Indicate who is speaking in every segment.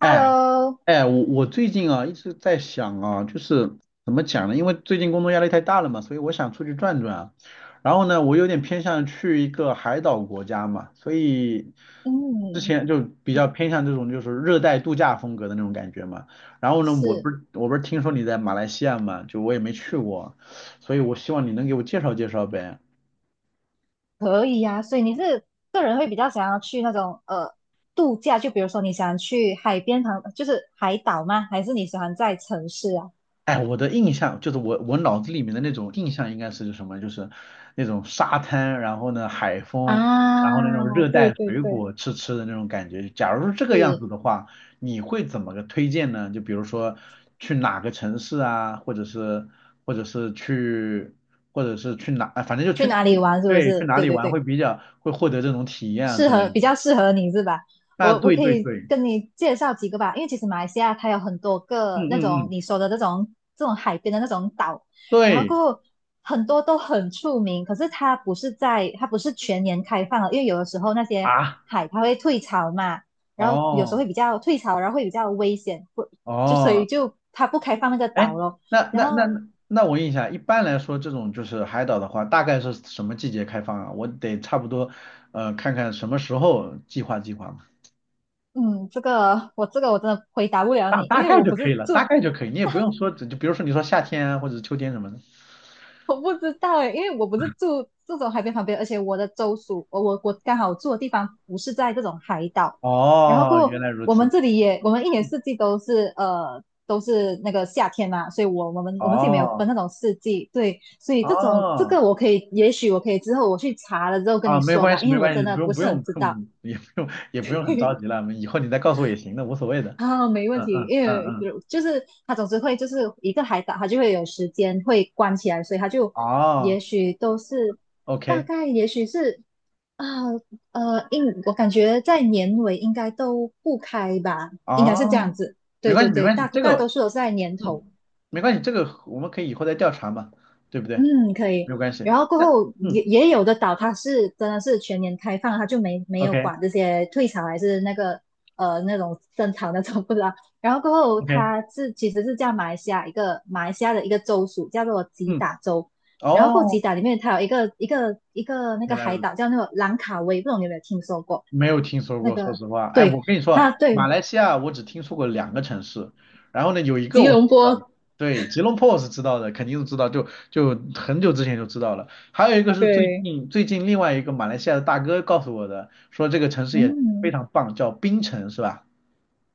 Speaker 1: 哎
Speaker 2: Hello。
Speaker 1: 哎，我最近啊一直在想啊，就是怎么讲呢？因为最近工作压力太大了嘛，所以我想出去转转啊。然后呢，我有点偏向去一个海岛国家嘛，所以之
Speaker 2: 嗯。
Speaker 1: 前就比较偏向这种就是热带度假风格的那种感觉嘛。然后呢，我
Speaker 2: 是。
Speaker 1: 不是我不是听说你在马来西亚嘛，就我也没去过啊，所以我希望你能给我介绍介绍呗。
Speaker 2: 可以呀，所以你是个人会比较想要去那种度假，就比如说你想去海边旁，就是海岛吗？还是你喜欢在城市啊？
Speaker 1: 哎，我的印象就是我脑子里面的那种印象应该是什么？就是那种沙滩，然后呢海风，然后那种
Speaker 2: 啊，
Speaker 1: 热
Speaker 2: 对
Speaker 1: 带
Speaker 2: 对
Speaker 1: 水
Speaker 2: 对，
Speaker 1: 果吃吃的那种感觉。假如是这个样子
Speaker 2: 是
Speaker 1: 的话，你会怎么个推荐呢？就比如说去哪个城市啊，或者是去或者是去哪，啊反正就
Speaker 2: 去
Speaker 1: 去
Speaker 2: 哪里
Speaker 1: 去
Speaker 2: 玩是不
Speaker 1: 对，去
Speaker 2: 是？
Speaker 1: 哪
Speaker 2: 对
Speaker 1: 里
Speaker 2: 对
Speaker 1: 玩
Speaker 2: 对。
Speaker 1: 会比较会获得这种体验啊
Speaker 2: 适
Speaker 1: 之
Speaker 2: 合
Speaker 1: 类的。
Speaker 2: 比较适合你是吧？
Speaker 1: 啊，
Speaker 2: 我
Speaker 1: 对
Speaker 2: 可
Speaker 1: 对
Speaker 2: 以
Speaker 1: 对，
Speaker 2: 跟你介绍几个吧，因为其实马来西亚它有很多
Speaker 1: 嗯
Speaker 2: 个那
Speaker 1: 嗯
Speaker 2: 种
Speaker 1: 嗯，
Speaker 2: 你说的这种海边的那种岛。然后
Speaker 1: 对
Speaker 2: 过后很多都很出名，可是它不是全年开放的，因为有的时候那些
Speaker 1: 啊，
Speaker 2: 海它会退潮嘛，然后有时候
Speaker 1: 哦
Speaker 2: 会比较退潮，然后会比较危险，不就所
Speaker 1: 哦，
Speaker 2: 以就它不开放那个岛
Speaker 1: 哎，
Speaker 2: 咯。
Speaker 1: 那
Speaker 2: 然
Speaker 1: 那那
Speaker 2: 后
Speaker 1: 那那我问一下，一般来说这种就是海岛的话，大概是什么季节开放啊？我得差不多，看看什么时候计划计划嘛，
Speaker 2: 嗯，这个我真的回答不了
Speaker 1: 大
Speaker 2: 你，
Speaker 1: 大
Speaker 2: 因为
Speaker 1: 概
Speaker 2: 我
Speaker 1: 就
Speaker 2: 不
Speaker 1: 可以
Speaker 2: 是
Speaker 1: 了，
Speaker 2: 住。
Speaker 1: 大概就可以，你也
Speaker 2: 大。
Speaker 1: 不用说，就比如说你说夏天啊，或者秋天什么的。
Speaker 2: 我不知道诶，因为我不是住这种海边旁边，而且我的州属，我刚好住的地方不是在这种海岛，然后
Speaker 1: 哦，
Speaker 2: 过
Speaker 1: 原
Speaker 2: 后
Speaker 1: 来如
Speaker 2: 我们
Speaker 1: 此。
Speaker 2: 这里也，我们一年四季都是呃都是那个夏天嘛，所以我们这里没有
Speaker 1: 哦
Speaker 2: 分那种四季。对，所以这种这
Speaker 1: 哦，
Speaker 2: 个我可以，也许我可以之后我去查了之后跟
Speaker 1: 啊，
Speaker 2: 你
Speaker 1: 没
Speaker 2: 说
Speaker 1: 关
Speaker 2: 吧，
Speaker 1: 系
Speaker 2: 因
Speaker 1: 没
Speaker 2: 为我
Speaker 1: 关系，
Speaker 2: 真的
Speaker 1: 不
Speaker 2: 不
Speaker 1: 用不
Speaker 2: 是很
Speaker 1: 用，不
Speaker 2: 知道。
Speaker 1: 用也不用也不用很着 急了，以后你再告诉我也行的，无所谓的。
Speaker 2: 啊，没问
Speaker 1: 嗯
Speaker 2: 题，
Speaker 1: 嗯
Speaker 2: 因
Speaker 1: 嗯
Speaker 2: 为
Speaker 1: 嗯，
Speaker 2: 就是他总是会就是一个海岛，他就会有时间会关起来，所以他就也
Speaker 1: 哦
Speaker 2: 许都是，大
Speaker 1: ，OK，
Speaker 2: 概也许是啊，我感觉在年尾应该都不开吧，应该是这样
Speaker 1: 哦，
Speaker 2: 子。
Speaker 1: 没
Speaker 2: 对
Speaker 1: 关
Speaker 2: 对
Speaker 1: 系没
Speaker 2: 对，
Speaker 1: 关系，
Speaker 2: 大
Speaker 1: 这
Speaker 2: 大多
Speaker 1: 个。
Speaker 2: 数都是在年头。
Speaker 1: 嗯，没关系，这个我们可以以后再调查嘛，对不对？
Speaker 2: 嗯，可以。
Speaker 1: 没有关系。
Speaker 2: 然后过
Speaker 1: 那
Speaker 2: 后
Speaker 1: 嗯
Speaker 2: 也有的岛，它是真的是全年开放，它就没有
Speaker 1: ，OK
Speaker 2: 管这些退潮还是那个那种深潮那种不知道 然后过后
Speaker 1: OK，
Speaker 2: 它其实是叫马来西亚的一个州属，叫做吉
Speaker 1: 嗯，
Speaker 2: 打州。然后过后
Speaker 1: 哦，
Speaker 2: 吉打里面它有一个那
Speaker 1: 原
Speaker 2: 个
Speaker 1: 来
Speaker 2: 海
Speaker 1: 如此，
Speaker 2: 岛叫那个兰卡威，不知道你有没有听说过？
Speaker 1: 没有听说
Speaker 2: 那
Speaker 1: 过，
Speaker 2: 个
Speaker 1: 说实话。哎，
Speaker 2: 对，
Speaker 1: 我跟你说啊，
Speaker 2: 它
Speaker 1: 马
Speaker 2: 对
Speaker 1: 来西亚我只听说过两个城市，然后呢，有一个
Speaker 2: 吉
Speaker 1: 我是
Speaker 2: 隆
Speaker 1: 知道的，
Speaker 2: 坡。
Speaker 1: 对，吉隆坡我是知道的，肯定是知道，就很久之前就知道了。还有一个是最
Speaker 2: 对。
Speaker 1: 近最近另外一个马来西亚的大哥告诉我的，说这个城市也非
Speaker 2: 嗯。
Speaker 1: 常棒，叫槟城，是吧？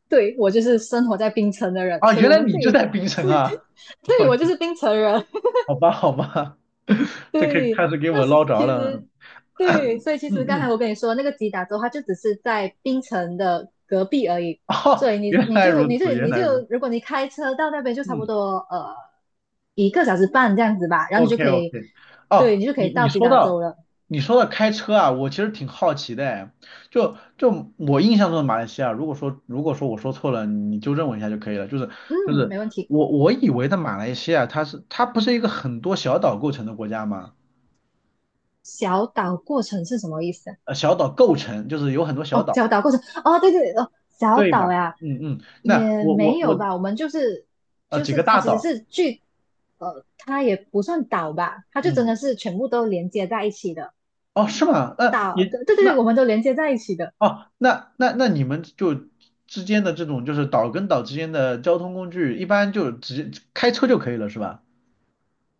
Speaker 2: 对我就是生活在槟城的人，
Speaker 1: 啊，
Speaker 2: 所以
Speaker 1: 原
Speaker 2: 我
Speaker 1: 来
Speaker 2: 们
Speaker 1: 你
Speaker 2: 这
Speaker 1: 就
Speaker 2: 里
Speaker 1: 在槟城啊。
Speaker 2: 对我就 是槟城人。
Speaker 1: 好吧，好吧，这可以
Speaker 2: 对，
Speaker 1: 开始给
Speaker 2: 那
Speaker 1: 我
Speaker 2: 是
Speaker 1: 捞着
Speaker 2: 其
Speaker 1: 了。
Speaker 2: 实对，所以其实
Speaker 1: 嗯
Speaker 2: 刚才
Speaker 1: 嗯，
Speaker 2: 我跟你说那个吉打州，它就只是在槟城的隔壁而已，
Speaker 1: 哦，
Speaker 2: 所以你
Speaker 1: 原
Speaker 2: 你
Speaker 1: 来
Speaker 2: 就
Speaker 1: 如
Speaker 2: 你就
Speaker 1: 此，原
Speaker 2: 你
Speaker 1: 来如此。
Speaker 2: 就如果你开车到那边就差不
Speaker 1: 嗯
Speaker 2: 多一个小时半这样子吧，然后你就
Speaker 1: ，OK
Speaker 2: 可以，
Speaker 1: OK。
Speaker 2: 对
Speaker 1: 哦，
Speaker 2: 你就可以
Speaker 1: 你你
Speaker 2: 到吉
Speaker 1: 说
Speaker 2: 打州
Speaker 1: 到
Speaker 2: 了。
Speaker 1: 你说到开车啊，我其实挺好奇的哎。就我印象中的马来西亚，如果说我说错了，你纠正我一下就可以了。就是就
Speaker 2: 嗯，
Speaker 1: 是
Speaker 2: 没问题。
Speaker 1: 我以为的马来西亚，它不是一个很多小岛构成的国家吗？
Speaker 2: 小岛过程是什么意思啊？
Speaker 1: 小岛构成就是有很多小
Speaker 2: 哦，
Speaker 1: 岛，
Speaker 2: 小岛过程，哦，对对哦，小
Speaker 1: 对
Speaker 2: 岛
Speaker 1: 吧？
Speaker 2: 呀，
Speaker 1: 嗯嗯，那
Speaker 2: 也
Speaker 1: 我我
Speaker 2: 没有
Speaker 1: 我
Speaker 2: 吧，我们就是
Speaker 1: 呃
Speaker 2: 就
Speaker 1: 几
Speaker 2: 是
Speaker 1: 个
Speaker 2: 它
Speaker 1: 大
Speaker 2: 其实
Speaker 1: 岛。
Speaker 2: 是剧，它也不算岛吧，它就真
Speaker 1: 嗯，
Speaker 2: 的是全部都连接在一起的
Speaker 1: 哦，是吗？那
Speaker 2: 岛。
Speaker 1: 你
Speaker 2: 对对
Speaker 1: 那
Speaker 2: 对，我们都连接在一起的。
Speaker 1: 哦，那你们就之间的这种就是岛跟岛之间的交通工具，一般就直接开车就可以了，是吧？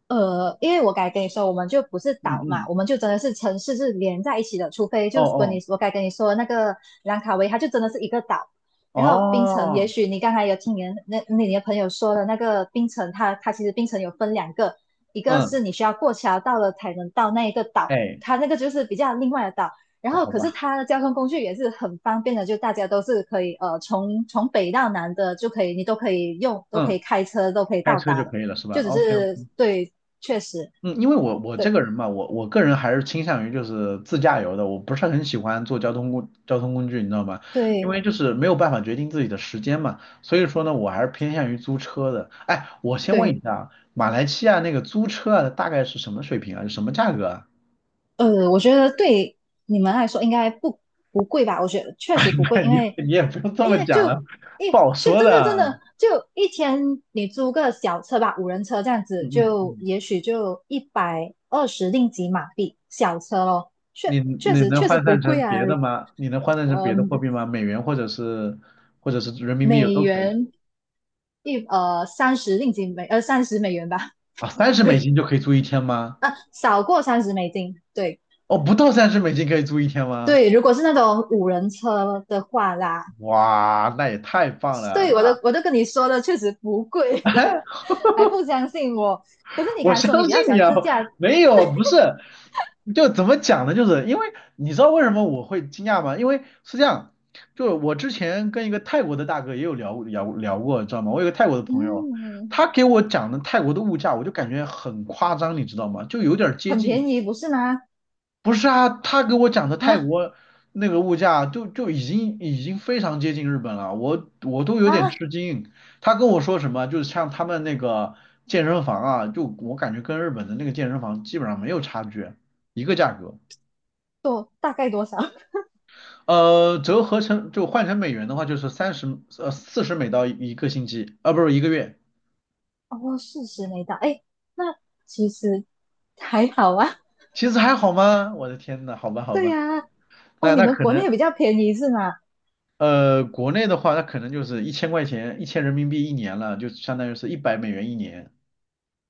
Speaker 2: 因为我该跟你说，我们就不是
Speaker 1: 嗯
Speaker 2: 岛嘛，
Speaker 1: 嗯，
Speaker 2: 我们就真的是城市是连在一起的，除非
Speaker 1: 哦
Speaker 2: 就是跟你
Speaker 1: 哦
Speaker 2: 我该跟你说的那个兰卡威，它就真的是一个岛。然后槟城，也
Speaker 1: 哦，
Speaker 2: 许你刚才有听你的朋友说的那个槟城，它其实槟城有分两个，一个
Speaker 1: 嗯，
Speaker 2: 是你需要过桥到了才能到那一个岛，
Speaker 1: 哎，
Speaker 2: 它那个就是比较另外的岛。然
Speaker 1: 我
Speaker 2: 后
Speaker 1: 好
Speaker 2: 可是
Speaker 1: 吧，
Speaker 2: 它的交通工具也是很方便的，就大家都是可以从北到南的就可以，你都可以用，都可
Speaker 1: 嗯，
Speaker 2: 以开车，都可以
Speaker 1: 开
Speaker 2: 到
Speaker 1: 车就
Speaker 2: 达的。
Speaker 1: 可以了，是吧
Speaker 2: 就只
Speaker 1: ？OK，
Speaker 2: 是对，确实。
Speaker 1: 嗯，因为我这
Speaker 2: 对
Speaker 1: 个人嘛，我个人还是倾向于就是自驾游的，我不是很喜欢坐交通工具，你知道吗？因
Speaker 2: 对
Speaker 1: 为就是没有办法决定自己的时间嘛，所以说呢，我还是偏向于租车的。哎，我先问一
Speaker 2: 对，
Speaker 1: 下啊，马来西亚那个租车啊，大概是什么水平啊？是什么价格啊？
Speaker 2: 我觉得对你们来说应该不贵吧？我觉得确实不贵，因为
Speaker 1: 你也不用这么
Speaker 2: 就
Speaker 1: 讲了，
Speaker 2: 一
Speaker 1: 不好
Speaker 2: 是真
Speaker 1: 说
Speaker 2: 的真
Speaker 1: 的。
Speaker 2: 的就一天你租个小车吧，五人车这样子，
Speaker 1: 嗯嗯
Speaker 2: 就
Speaker 1: 嗯，
Speaker 2: 也许就120令吉马币小车咯，
Speaker 1: 你
Speaker 2: 确确
Speaker 1: 你
Speaker 2: 实
Speaker 1: 能
Speaker 2: 确实
Speaker 1: 换
Speaker 2: 不
Speaker 1: 算成
Speaker 2: 贵啊，
Speaker 1: 别
Speaker 2: 如
Speaker 1: 的吗？你能换算成
Speaker 2: 呃
Speaker 1: 别的货币吗？美元或者是人民币有
Speaker 2: 美
Speaker 1: 都可以。
Speaker 2: 元一30令吉美30美元吧。
Speaker 1: 啊，三 十美
Speaker 2: 对
Speaker 1: 金就可以租一天吗？
Speaker 2: 啊，少过30美金，对。
Speaker 1: 哦，不到三十美金可以住一天吗？
Speaker 2: 对，如果是那种五人车的话啦，
Speaker 1: 哇，那也太棒了！
Speaker 2: 对，
Speaker 1: 那
Speaker 2: 我都跟你说了，确实不贵，还不相信我。可是你
Speaker 1: 我
Speaker 2: 刚才
Speaker 1: 相
Speaker 2: 说你比较
Speaker 1: 信
Speaker 2: 喜
Speaker 1: 你
Speaker 2: 欢
Speaker 1: 啊，
Speaker 2: 自驾。
Speaker 1: 没有，不是，就怎么讲呢？就是因为你知道为什么我会惊讶吗？因为是这样，就是我之前跟一个泰国的大哥也有聊聊过，知道吗？我有个泰国的朋友，
Speaker 2: 嗯，
Speaker 1: 他给我讲的泰国的物价，我就感觉很夸张，你知道吗？就有点儿接
Speaker 2: 很
Speaker 1: 近。
Speaker 2: 便宜，不是吗？
Speaker 1: 不是啊，他给我讲的泰
Speaker 2: 啊
Speaker 1: 国那个物价就已经非常接近日本了，我都有点
Speaker 2: 啊，
Speaker 1: 吃惊。他跟我说什么，就是像他们那个健身房啊，就我感觉跟日本的那个健身房基本上没有差距，一个价格。
Speaker 2: 多大概多少？
Speaker 1: 折合成就换成美元的话，就是40美刀一个星期，啊不是一个月。
Speaker 2: 哦，40没到，哎，那其实还好啊。
Speaker 1: 其实还好吗？我的天呐，好吧 好
Speaker 2: 对
Speaker 1: 吧，
Speaker 2: 呀。哦，
Speaker 1: 那
Speaker 2: 你
Speaker 1: 那
Speaker 2: 们
Speaker 1: 可
Speaker 2: 国
Speaker 1: 能。
Speaker 2: 内比较便宜是吗？
Speaker 1: 呃，国内的话，它可能就是1000块钱，1000人民币一年了，就相当于是100美元一年。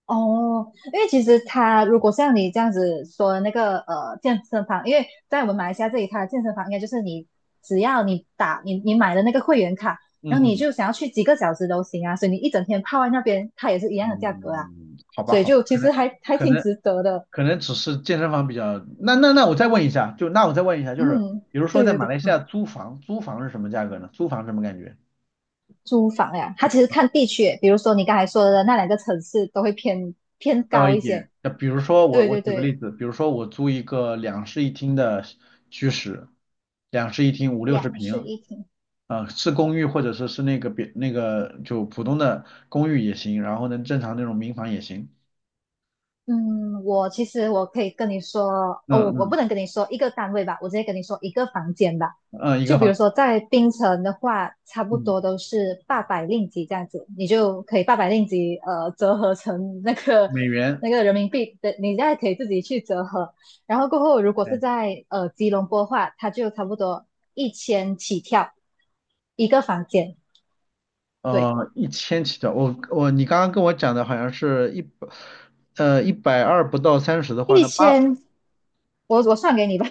Speaker 2: 哦，因为其实他如果像你这样子说的那个健身房，因为在我们马来西亚这里，它的健身房应该就是你只要你打你你买的那个会员卡，
Speaker 1: 嗯
Speaker 2: 然后你
Speaker 1: 嗯
Speaker 2: 就想要去几个小时都行啊，所以你一整天泡在那边，它也是一样的价格啊，
Speaker 1: 嗯，好吧
Speaker 2: 所以
Speaker 1: 好
Speaker 2: 就
Speaker 1: 吧，
Speaker 2: 其实还
Speaker 1: 可
Speaker 2: 挺
Speaker 1: 能
Speaker 2: 值得的。
Speaker 1: 可能只是健身房比较。那我再问一下，就是
Speaker 2: 嗯，
Speaker 1: 比如说
Speaker 2: 对
Speaker 1: 在
Speaker 2: 对
Speaker 1: 马
Speaker 2: 对。
Speaker 1: 来西
Speaker 2: 啊，
Speaker 1: 亚租房，租房是什么价格呢？租房什么感觉？
Speaker 2: 租房呀，它其实看地区耶，比如说你刚才说的那两个城市都会偏
Speaker 1: 高
Speaker 2: 高
Speaker 1: 一
Speaker 2: 一些。
Speaker 1: 点。那比如说我
Speaker 2: 对
Speaker 1: 我
Speaker 2: 对
Speaker 1: 举个例
Speaker 2: 对，
Speaker 1: 子，比如说我租一个两室一厅的居室，两室一厅五六十
Speaker 2: 两室
Speaker 1: 平，
Speaker 2: 一厅。
Speaker 1: 啊，是公寓或者说是那个别那个就普通的公寓也行，然后呢，正常那种民房也行。
Speaker 2: 嗯，我其实我可以跟你说，哦，
Speaker 1: 嗯
Speaker 2: 我不
Speaker 1: 嗯
Speaker 2: 能跟你说一个单位吧，我直接跟你说一个房间吧。
Speaker 1: 嗯，一个
Speaker 2: 就比
Speaker 1: 房，
Speaker 2: 如说在槟城的话，差不
Speaker 1: 嗯，
Speaker 2: 多都是八百令吉这样子，你就可以八百令吉，折合成那个
Speaker 1: 美元，
Speaker 2: 那个人民币的，你再可以自己去折合。然后过后，如果是
Speaker 1: 对，
Speaker 2: 在吉隆坡的话，它就差不多一千起跳一个房间。对，
Speaker 1: 呃，一千起的。我你刚刚跟我讲的好像是一百，120不到三十的话
Speaker 2: 一千，我算给你吧，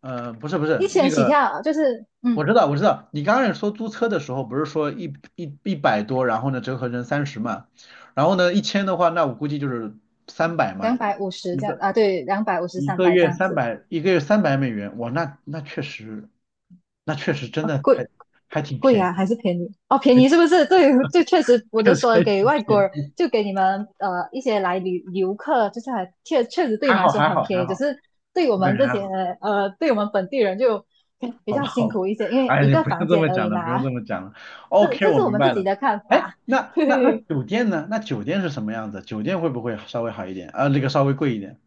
Speaker 1: 不是不
Speaker 2: 一
Speaker 1: 是那
Speaker 2: 千起
Speaker 1: 个，
Speaker 2: 跳就是
Speaker 1: 我
Speaker 2: 嗯。
Speaker 1: 知道我知道，你刚开始说租车的时候不是说一百多，然后呢折合成三十嘛，然后呢一千的话，那我估计就是三百嘛。
Speaker 2: 250
Speaker 1: 一
Speaker 2: 这样
Speaker 1: 个。
Speaker 2: 啊，对，两百五十、
Speaker 1: 一
Speaker 2: 三
Speaker 1: 个
Speaker 2: 百这
Speaker 1: 月
Speaker 2: 样
Speaker 1: 三
Speaker 2: 子。
Speaker 1: 百，一个月300美元，那确实，真
Speaker 2: 啊，
Speaker 1: 的
Speaker 2: 贵。
Speaker 1: 还挺
Speaker 2: 贵
Speaker 1: 便
Speaker 2: 啊，还
Speaker 1: 宜，
Speaker 2: 是便宜？哦，便宜是不是？对，这确实，我就
Speaker 1: 确实
Speaker 2: 说
Speaker 1: 还挺
Speaker 2: 给外国
Speaker 1: 便
Speaker 2: 人，
Speaker 1: 宜，
Speaker 2: 就给你们一些来旅游客，就是还确实对你
Speaker 1: 还
Speaker 2: 们来
Speaker 1: 好
Speaker 2: 说
Speaker 1: 还
Speaker 2: 很
Speaker 1: 好
Speaker 2: 便
Speaker 1: 还
Speaker 2: 宜，只
Speaker 1: 好，
Speaker 2: 是对我
Speaker 1: 我感
Speaker 2: 们
Speaker 1: 觉
Speaker 2: 这
Speaker 1: 还
Speaker 2: 些
Speaker 1: 好，
Speaker 2: 呃，对我们本地人就比
Speaker 1: 好
Speaker 2: 较
Speaker 1: 吧
Speaker 2: 辛
Speaker 1: 好吧，
Speaker 2: 苦一些，因为
Speaker 1: 哎，
Speaker 2: 一
Speaker 1: 你
Speaker 2: 个
Speaker 1: 不
Speaker 2: 房
Speaker 1: 用这么
Speaker 2: 间而已
Speaker 1: 讲了，不用
Speaker 2: 嘛。
Speaker 1: 这么讲了
Speaker 2: 这
Speaker 1: ，OK，
Speaker 2: 这
Speaker 1: 我
Speaker 2: 是我
Speaker 1: 明
Speaker 2: 们自
Speaker 1: 白
Speaker 2: 己
Speaker 1: 了。
Speaker 2: 的看
Speaker 1: 哎，
Speaker 2: 法。
Speaker 1: 那
Speaker 2: 对，
Speaker 1: 酒店呢？那酒店是什么样子？酒店会不会稍微好一点？啊，那个稍微贵一点，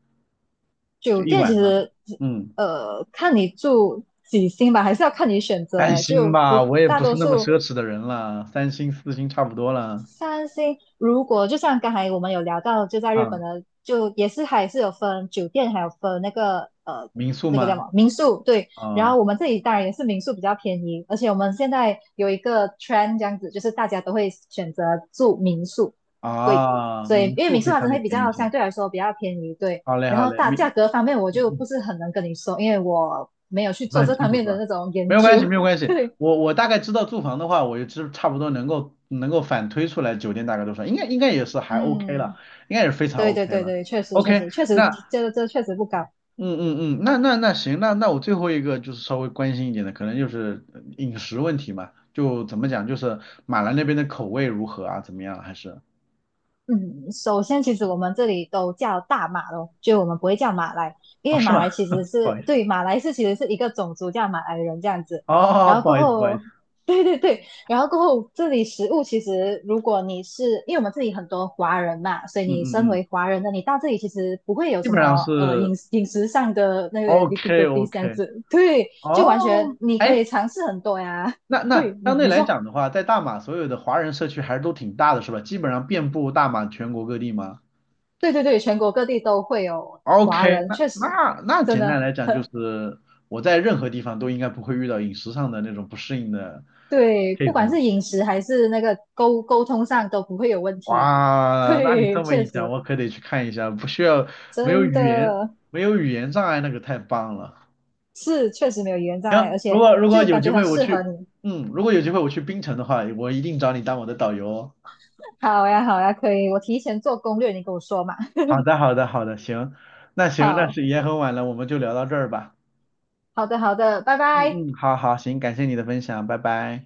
Speaker 1: 就
Speaker 2: 酒
Speaker 1: 一
Speaker 2: 店其
Speaker 1: 晚上。
Speaker 2: 实
Speaker 1: 嗯，
Speaker 2: 看你住几星吧，还是要看你选择。
Speaker 1: 三
Speaker 2: 哎，
Speaker 1: 星
Speaker 2: 就
Speaker 1: 吧，
Speaker 2: 如
Speaker 1: 我也
Speaker 2: 大
Speaker 1: 不是
Speaker 2: 多
Speaker 1: 那么
Speaker 2: 数。
Speaker 1: 奢侈的人了，三星四星差不多了。
Speaker 2: 三星，如果就像刚才我们有聊到，就在日本
Speaker 1: 啊，
Speaker 2: 的，就也是还是有分酒店，还有分那个呃
Speaker 1: 民宿
Speaker 2: 那个叫什
Speaker 1: 吗？
Speaker 2: 么民宿，对。然
Speaker 1: 啊。
Speaker 2: 后我们这里当然也是民宿比较便宜，而且我们现在有一个 trend 这样子，就是大家都会选择住民宿，对。
Speaker 1: 啊，
Speaker 2: 所以
Speaker 1: 民
Speaker 2: 因为
Speaker 1: 宿
Speaker 2: 民
Speaker 1: 可
Speaker 2: 宿
Speaker 1: 以
Speaker 2: 它
Speaker 1: 相
Speaker 2: 真
Speaker 1: 对
Speaker 2: 的会比
Speaker 1: 便宜
Speaker 2: 较
Speaker 1: 一些。
Speaker 2: 相对来说比较便宜，对。
Speaker 1: 好嘞，
Speaker 2: 然
Speaker 1: 好
Speaker 2: 后
Speaker 1: 嘞，
Speaker 2: 大
Speaker 1: 没，
Speaker 2: 价格方面我
Speaker 1: 嗯
Speaker 2: 就不
Speaker 1: 嗯，
Speaker 2: 是很能跟你说，因为我没有去
Speaker 1: 不
Speaker 2: 做
Speaker 1: 是很
Speaker 2: 这
Speaker 1: 清
Speaker 2: 方
Speaker 1: 楚
Speaker 2: 面
Speaker 1: 是
Speaker 2: 的
Speaker 1: 吧？
Speaker 2: 那种研
Speaker 1: 没有关
Speaker 2: 究，
Speaker 1: 系，没有关 系。
Speaker 2: 对，
Speaker 1: 我大概知道住房的话，我就知差不多能够反推出来酒店大概多少，应该也是还 OK 了，
Speaker 2: 嗯。
Speaker 1: 应该也是非常
Speaker 2: 对对
Speaker 1: OK
Speaker 2: 对
Speaker 1: 了。
Speaker 2: 对，确实确
Speaker 1: OK，
Speaker 2: 实确实，
Speaker 1: 那
Speaker 2: 这确实不高。
Speaker 1: 嗯嗯嗯，那行，那我最后一个就是稍微关心一点的，可能就是饮食问题嘛，就怎么讲，就是马来那边的口味如何啊？怎么样啊？还是。
Speaker 2: 嗯，首先其实我们这里都叫大马咯，就我们不会叫马来，因
Speaker 1: 哦，
Speaker 2: 为
Speaker 1: 是
Speaker 2: 马
Speaker 1: 吗？
Speaker 2: 来其实
Speaker 1: 不
Speaker 2: 是
Speaker 1: 好意思，
Speaker 2: 对，马来其实是一个种族叫马来人这样子。
Speaker 1: 哦
Speaker 2: 然后
Speaker 1: 不
Speaker 2: 过
Speaker 1: 好意思不好意
Speaker 2: 后，
Speaker 1: 思，
Speaker 2: 对对对，然后过后这里食物其实如果你是因为我们这里很多华人嘛，所以
Speaker 1: 嗯
Speaker 2: 你身
Speaker 1: 嗯嗯，
Speaker 2: 为华人的你到这里其实不会有
Speaker 1: 基
Speaker 2: 什
Speaker 1: 本上
Speaker 2: 么
Speaker 1: 是。
Speaker 2: 饮食上的那个
Speaker 1: OK
Speaker 2: difficulty 这样
Speaker 1: OK，
Speaker 2: 子，对，就完全
Speaker 1: 哦，
Speaker 2: 你可以
Speaker 1: 哎，
Speaker 2: 尝试很多呀。
Speaker 1: 那
Speaker 2: 对，
Speaker 1: 那
Speaker 2: 你
Speaker 1: 相对
Speaker 2: 你
Speaker 1: 来
Speaker 2: 说。
Speaker 1: 讲的话，在大马所有的华人社区还是都挺大的，是吧？基本上遍布大马全国各地吗
Speaker 2: 对对对，全国各地都会有华
Speaker 1: ？OK，
Speaker 2: 人，
Speaker 1: 那
Speaker 2: 确实，
Speaker 1: 那那
Speaker 2: 真
Speaker 1: 简
Speaker 2: 的。
Speaker 1: 单来讲就是，我在任何地方都应该不会遇到饮食上的那种不适应的
Speaker 2: 对，不
Speaker 1: case
Speaker 2: 管
Speaker 1: 嘛。
Speaker 2: 是饮食还是那个沟通上都不会有问题。
Speaker 1: 哇，那你
Speaker 2: 对，
Speaker 1: 这么
Speaker 2: 确
Speaker 1: 一讲，
Speaker 2: 实，
Speaker 1: 我可得去看一下，不需要，没有
Speaker 2: 真
Speaker 1: 语言，
Speaker 2: 的
Speaker 1: 没有语言障碍，那个太棒了。
Speaker 2: 是确实没有语言障碍，而
Speaker 1: 行，如
Speaker 2: 且
Speaker 1: 果如果
Speaker 2: 就
Speaker 1: 有
Speaker 2: 感
Speaker 1: 机
Speaker 2: 觉很
Speaker 1: 会我
Speaker 2: 适合
Speaker 1: 去，
Speaker 2: 你。
Speaker 1: 嗯，如果有机会我去槟城的话，我一定找你当我的导游哦。
Speaker 2: 好呀，好呀，可以，我提前做攻略，你跟我说嘛。
Speaker 1: 好的，好的，好的，行，那行，那
Speaker 2: 好，
Speaker 1: 是也很晚了，我们就聊到这儿吧。
Speaker 2: 好的，好的，拜拜。
Speaker 1: 嗯嗯，好好，行，感谢你的分享，拜拜。